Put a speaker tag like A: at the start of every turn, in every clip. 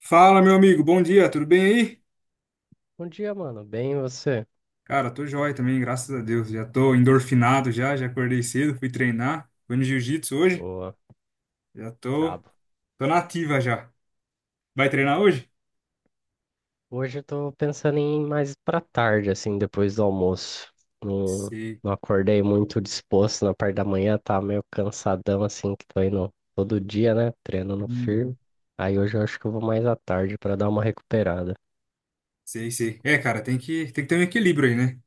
A: Fala, meu amigo, bom dia, tudo bem aí?
B: Bom dia, mano. Bem, e você?
A: Cara, tô joia também, graças a Deus. Já tô endorfinado já, já acordei cedo, fui treinar, fui no jiu-jitsu hoje,
B: Boa,
A: já tô,
B: brabo.
A: tô na ativa já. Vai treinar hoje?
B: Hoje eu tô pensando em ir mais pra tarde, assim, depois do almoço. Não,
A: Sei.
B: não acordei muito disposto na parte da manhã, tá meio cansadão, assim, que tô indo todo dia, né? Treinando firme.
A: Uhum.
B: Aí hoje eu acho que eu vou mais à tarde pra dar uma recuperada.
A: Sei, sei. É, cara, tem que ter um equilíbrio aí, né?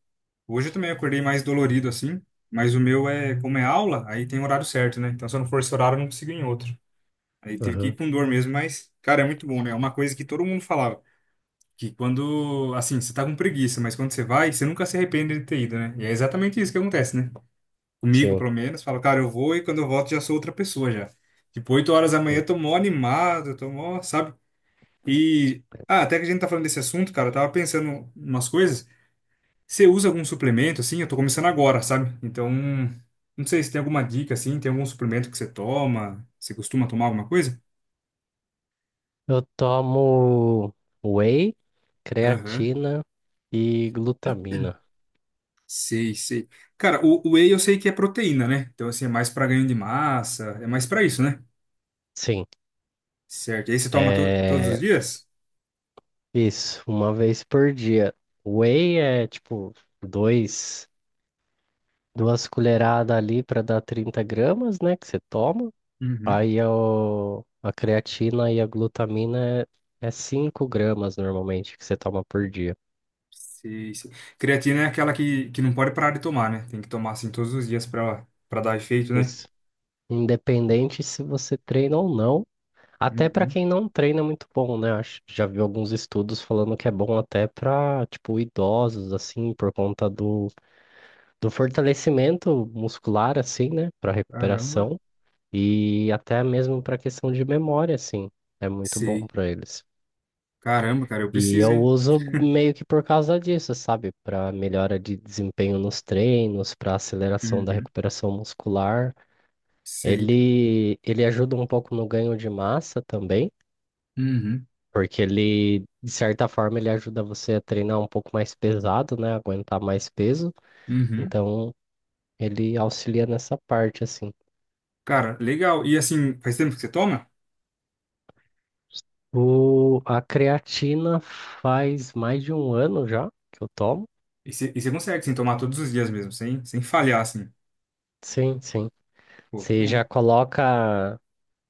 A: Hoje eu também acordei mais dolorido assim, mas o meu é, como é aula, aí tem horário certo, né? Então se eu não for esse horário, eu não consigo ir em outro. Aí tive que
B: Aham.
A: ir com dor mesmo, mas, cara, é muito bom, né? É uma coisa que todo mundo falava. Que quando, assim, você tá com preguiça, mas quando você vai, você nunca se arrepende de ter ido, né? E é exatamente isso que acontece, né? Comigo,
B: Sim.
A: pelo menos, falo, cara, eu vou e quando eu volto já sou outra pessoa já. Tipo, 8 horas da manhã eu tô mó animado, eu tô mó, sabe? E, ah, até que a gente tá falando desse assunto, cara, eu tava pensando umas coisas. Você usa algum suplemento, assim? Eu tô começando agora, sabe? Então, não sei se tem alguma dica, assim, tem algum suplemento que você toma? Você costuma tomar alguma coisa?
B: Eu tomo whey,
A: Aham.
B: creatina e glutamina.
A: Sei, sei. Cara, o whey eu sei que é proteína, né? Então, assim, é mais pra ganho de massa, é mais pra isso, né?
B: Sim.
A: Certo. E aí você toma todos os
B: é,
A: dias?
B: Isso, uma vez por dia. Whey é tipo dois, duas colheradas ali para dar 30 gramas, né? Que você toma.
A: Uhum.
B: Aí a creatina e a glutamina é 5 gramas normalmente que você toma por dia.
A: Sei, sei. Creatina é aquela que não pode parar de tomar, né? Tem que tomar, assim, todos os dias pra dar efeito, né?
B: Isso. Independente se você treina ou não. Até para
A: Uhum.
B: quem não treina é muito bom, né? Acho, já vi alguns estudos falando que é bom até para, tipo, idosos, assim, por conta do fortalecimento muscular, assim, né? Para
A: Caramba.
B: recuperação. E até mesmo para questão de memória, assim, é muito bom
A: Sei.
B: para eles.
A: Caramba, cara, eu
B: E
A: preciso,
B: eu
A: hein?
B: uso meio que por causa disso, sabe? Para melhora de desempenho nos treinos, para aceleração da
A: Uhum.
B: recuperação muscular.
A: Sei.
B: Ele ajuda um pouco no ganho de massa também,
A: Uhum.
B: porque ele, de certa forma, ele ajuda você a treinar um pouco mais pesado, né? Aguentar mais peso.
A: Uhum.
B: Então, ele auxilia nessa parte, assim.
A: Cara, legal. E assim, faz tempo que você toma?
B: A creatina faz mais de um ano já que eu tomo.
A: E você consegue, assim, tomar todos os dias mesmo, sem falhar, assim.
B: Sim, sim.
A: Pô, que
B: Você
A: bom.
B: já coloca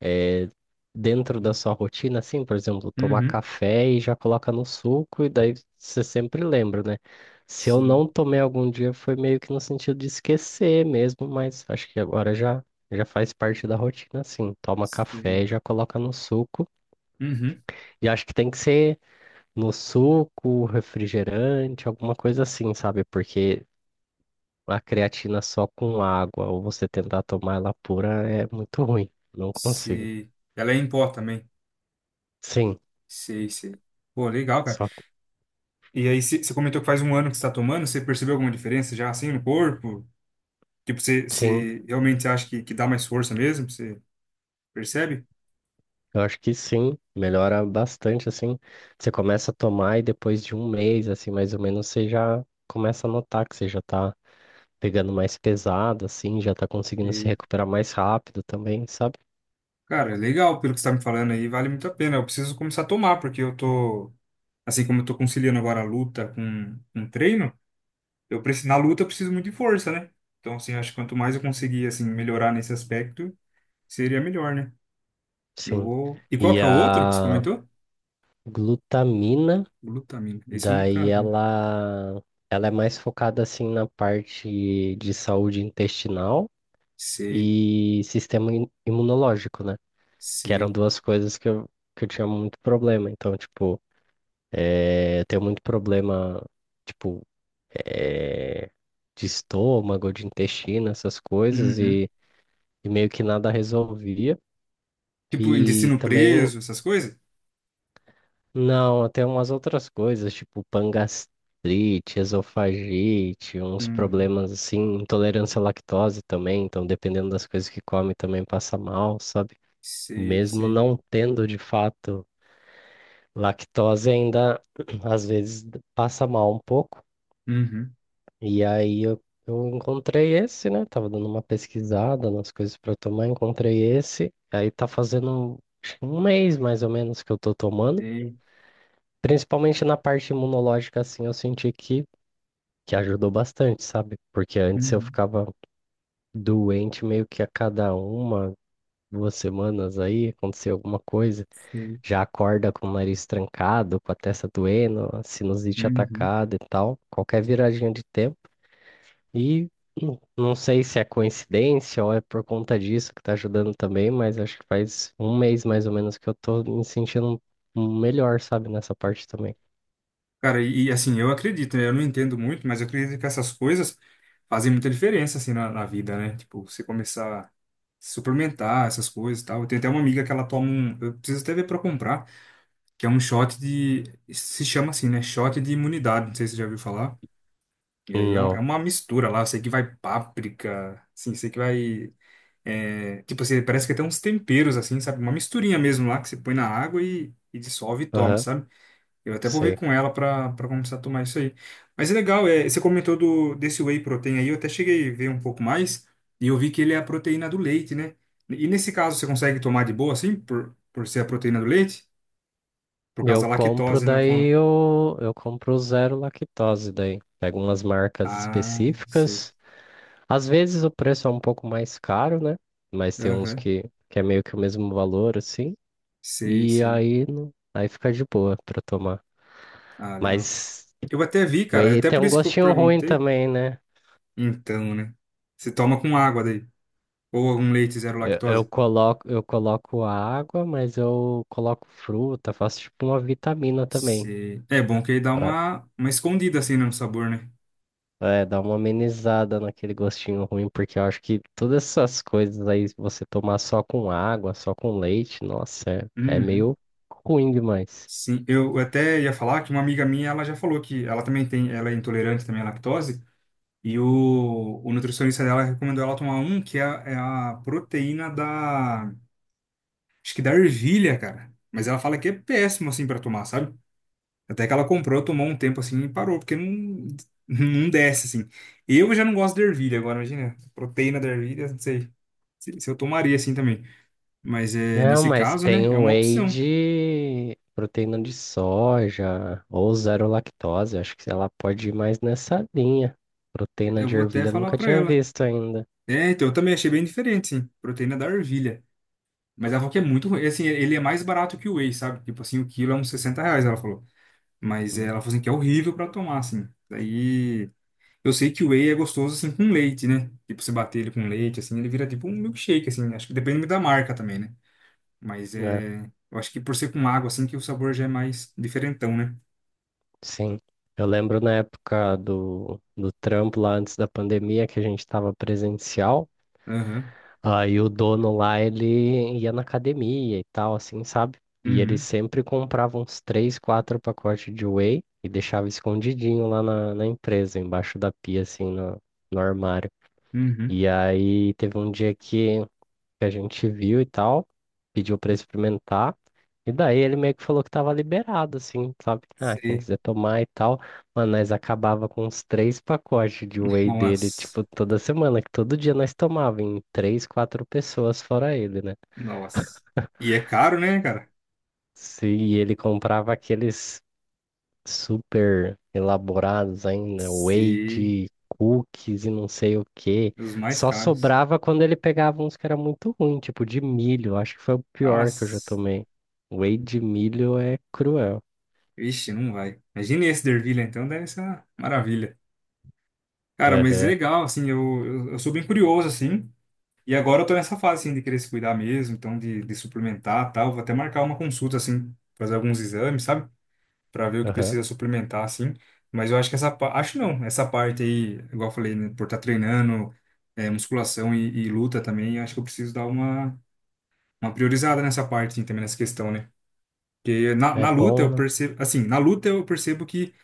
B: eh, dentro da sua rotina, assim, por exemplo, tomar
A: Uhum.
B: café e já coloca no suco, e daí você sempre lembra, né? Se eu
A: Sim,
B: não tomei algum dia, foi meio que no sentido de esquecer mesmo, mas acho que agora já faz parte da rotina, assim. Toma café
A: sei.
B: e já coloca no suco.
A: Uhum,
B: E acho que tem que ser no suco, refrigerante, alguma coisa assim, sabe? Porque a creatina só com água ou você tentar tomar ela pura é muito ruim. Não consigo.
A: sei. Ela é em pó também.
B: Sim,
A: Sei, sei. Pô, legal, cara.
B: só
A: E aí, você comentou que faz um ano que você tá tomando, você percebeu alguma diferença já assim no corpo? Tipo, você
B: sim.
A: você realmente acha que dá mais força mesmo? Você percebe?
B: Eu acho que sim, melhora bastante assim. Você começa a tomar e depois de um mês, assim, mais ou menos, você já começa a notar que você já tá pegando mais pesado, assim, já tá conseguindo se
A: E,
B: recuperar mais rápido também, sabe?
A: cara, é legal pelo que você tá me falando aí, vale muito a pena. Eu preciso começar a tomar, porque eu tô, assim como eu tô conciliando agora a luta com um treino, eu preciso, na luta eu preciso muito de força, né? Então, assim, acho que quanto mais eu conseguir, assim, melhorar nesse aspecto, seria melhor, né? Eu
B: Sim.
A: vou. E qual
B: E
A: que é o outro que você
B: a
A: comentou?
B: glutamina.
A: Glutamina. Esse eu
B: Daí
A: nunca vi.
B: ela é mais focada assim na parte de saúde intestinal
A: Sei,
B: e sistema imunológico, né? Que eram
A: sei.
B: duas coisas que eu tinha muito problema. Então, tipo, eu tenho muito problema, tipo, eh, de estômago, de intestino, essas coisas,
A: Uhum.
B: e meio que nada resolvia.
A: Tipo,
B: E
A: intestino
B: também
A: preso, essas coisas?
B: não, até umas outras coisas, tipo pangastrite, esofagite, uns
A: Uhum.
B: problemas assim, intolerância à lactose também, então dependendo das coisas que come também passa mal, sabe?
A: Sei,
B: Mesmo
A: sei.
B: não tendo de fato lactose, ainda às vezes passa mal um pouco.
A: Uhum.
B: E aí eu encontrei esse, né? Tava dando uma pesquisada nas coisas para tomar, encontrei esse, aí tá fazendo acho que um mês mais ou menos que eu tô tomando.
A: Sei.
B: Principalmente na parte imunológica, assim, eu senti que ajudou bastante, sabe? Porque antes eu
A: Uhum.
B: ficava doente meio que a cada uma, 2 semanas aí, acontecia alguma coisa.
A: Sei.
B: Já acorda com o nariz trancado, com a testa doendo, a sinusite
A: Uhum.
B: atacada e tal, qualquer viradinha de tempo. E não sei se é coincidência ou é por conta disso que tá ajudando também, mas acho que faz um mês mais ou menos que eu tô me sentindo melhor, sabe? Nessa parte também.
A: Cara, assim, eu acredito, né? Eu não entendo muito, mas eu acredito que essas coisas fazem muita diferença, assim, na vida, né? Tipo, você começar a suplementar essas coisas e tal. Eu tenho até uma amiga que ela toma um. Eu preciso até ver pra comprar, que é um shot de. Se chama assim, né? Shot de imunidade. Não sei se você já ouviu falar. E aí é
B: Não.
A: uma mistura lá. Eu sei que vai páprica, assim, sei que vai. É, tipo assim, parece que tem uns temperos, assim, sabe? Uma misturinha mesmo lá que você põe na água e dissolve e toma,
B: Aham.
A: sabe? Eu até vou ver
B: Sei.
A: com ela pra começar a tomar isso aí. Mas é legal, é, você comentou do, desse whey protein aí, eu até cheguei a ver um pouco mais e eu vi que ele é a proteína do leite, né? E nesse caso, você consegue tomar de boa, assim, por ser a proteína do leite? Por causa
B: Eu
A: da
B: compro
A: lactose, né? Eu
B: daí
A: falo.
B: eu compro zero lactose daí. Pego umas marcas
A: Ah, sei.
B: específicas. Às vezes o preço é um pouco mais caro, né? Mas tem uns
A: Aham,
B: que é meio que o mesmo valor, assim.
A: sei,
B: E
A: sei.
B: aí, aí fica de boa pra tomar.
A: Ah, legal.
B: Mas
A: Eu até vi, cara, é
B: whey
A: até
B: tem
A: por
B: um
A: isso que eu
B: gostinho ruim
A: perguntei.
B: também, né?
A: Então, né? Você toma com água daí. Ou um leite zero
B: Eu, eu
A: lactose.
B: coloco, eu coloco água, mas eu coloco fruta, faço tipo uma vitamina também.
A: Sei. É bom que aí dá uma escondida assim né, no sabor, né?
B: É, dá uma amenizada naquele gostinho ruim, porque eu acho que todas essas coisas aí, se você tomar só com água, só com leite, nossa, é
A: Uhum.
B: meio ruim demais.
A: Sim, eu até ia falar que uma amiga minha, ela já falou que ela também tem, ela é intolerante também à lactose, e o nutricionista dela recomendou ela tomar um que é, é a proteína da, acho que da ervilha, cara. Mas ela fala que é péssimo assim pra tomar, sabe? Até que ela comprou, tomou um tempo assim e parou, porque não desce assim. Eu já não gosto de ervilha agora, imagina. Proteína da ervilha, não sei se eu tomaria assim também. Mas é,
B: Não,
A: nesse
B: mas
A: caso,
B: tem
A: né, é
B: o
A: uma
B: whey
A: opção.
B: de proteína de soja ou zero lactose, acho que ela pode ir mais nessa linha. Proteína
A: Eu
B: de
A: vou até
B: ervilha eu
A: falar
B: nunca
A: pra
B: tinha
A: ela.
B: visto ainda.
A: É, então eu também achei bem diferente, sim. Proteína da ervilha. Mas ela falou que é muito ruim. Assim, ele é mais barato que o whey, sabe? Tipo assim, o quilo é uns 60 reais, ela falou. Mas é, ela
B: Hum.
A: falou assim que é horrível pra tomar, assim. Daí. Eu sei que o whey é gostoso assim com leite, né? Tipo, você bater ele com leite, assim, ele vira tipo um milkshake, assim. Acho que depende da marca também, né? Mas
B: É,
A: é. Eu acho que por ser com água, assim, que o sabor já é mais diferentão, né?
B: sim. Eu lembro na época do trampo lá antes da pandemia que a gente estava presencial.
A: Aham.
B: Aí o dono lá, ele ia na academia e tal, assim, sabe? E ele
A: Uhum.
B: sempre comprava uns três, quatro pacotes de whey e deixava escondidinho lá na empresa, embaixo da pia, assim, no armário.
A: Uhum.
B: E aí teve um dia que a gente viu e tal, pediu pra experimentar. E daí ele meio que falou que tava liberado, assim, sabe? Ah, quem
A: Sei.
B: quiser tomar e tal. Mano, nós acabava com uns três pacotes de whey dele,
A: Nossa.
B: tipo, toda semana, que todo dia nós tomava em três, quatro pessoas, fora ele, né?
A: Nossa. E é caro, né, cara?
B: Sim, e ele comprava aqueles super elaborados ainda, whey
A: Sim.
B: de cookies e não sei o que.
A: Os mais
B: Só
A: caros.
B: sobrava quando ele pegava uns que era muito ruim, tipo de milho. Acho que foi o pior que eu já
A: Nossa.
B: tomei. Whey de milho é cruel.
A: Vixe, não vai. Imagine esse dervilha, então, deve ser uma maravilha. Cara, mas
B: Aham,
A: legal, assim, eu sou bem curioso, assim. E agora eu tô nessa fase, assim, de querer se cuidar mesmo, então de suplementar tal. Vou até marcar uma consulta, assim, fazer alguns exames, sabe? Pra ver o que
B: aham.
A: precisa suplementar, assim. Mas eu acho que essa parte... Acho não, essa parte aí, igual eu falei, né? Por estar treinando é, musculação e luta também, eu acho que eu preciso dar uma priorizada nessa parte, assim, também nessa questão, né? Porque na,
B: É
A: na luta
B: bom,
A: eu
B: né?
A: percebo... Assim, na luta eu percebo que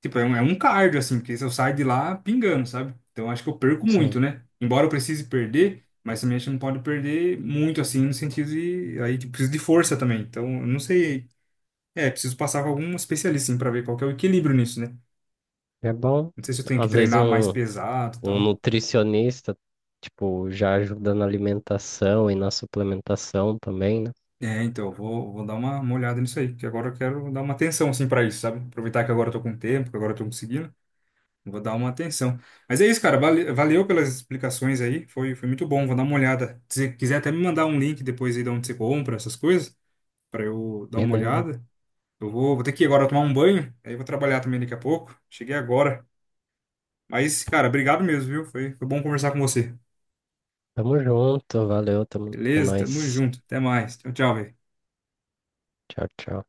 A: tipo, é um cardio, assim, porque se eu saio de lá pingando, sabe? Então acho que eu perco muito,
B: Sim.
A: né? Embora eu precise perder, mas também acho que não pode perder muito, assim, no sentido de. Aí tipo, preciso de força também. Então, eu não sei. É, preciso passar com algum especialista, assim, pra ver qual que é o equilíbrio nisso, né?
B: É bom.
A: Não sei se eu tenho que
B: Às vezes
A: treinar mais
B: um,
A: pesado e
B: um
A: tal.
B: nutricionista, tipo, já ajuda na alimentação e na suplementação também, né?
A: É, então, eu vou, vou dar uma olhada nisso aí, que agora eu quero dar uma atenção, assim, pra isso, sabe? Aproveitar que agora eu tô com tempo, que agora eu tô conseguindo. Vou dar uma atenção. Mas é isso, cara. Valeu pelas explicações aí. Foi, foi muito bom. Vou dar uma olhada. Se quiser até me mandar um link depois aí de onde você compra essas coisas, para eu dar uma
B: Beleza.
A: olhada. Eu vou, vou ter que ir agora tomar um banho. Aí eu vou trabalhar também daqui a pouco. Cheguei agora. Mas, cara, obrigado mesmo, viu? Foi, foi bom conversar com você.
B: Tamo junto, valeu, É
A: Beleza? Tamo
B: nóis.
A: junto. Até mais. Tchau, tchau, velho.
B: Tchau, tchau.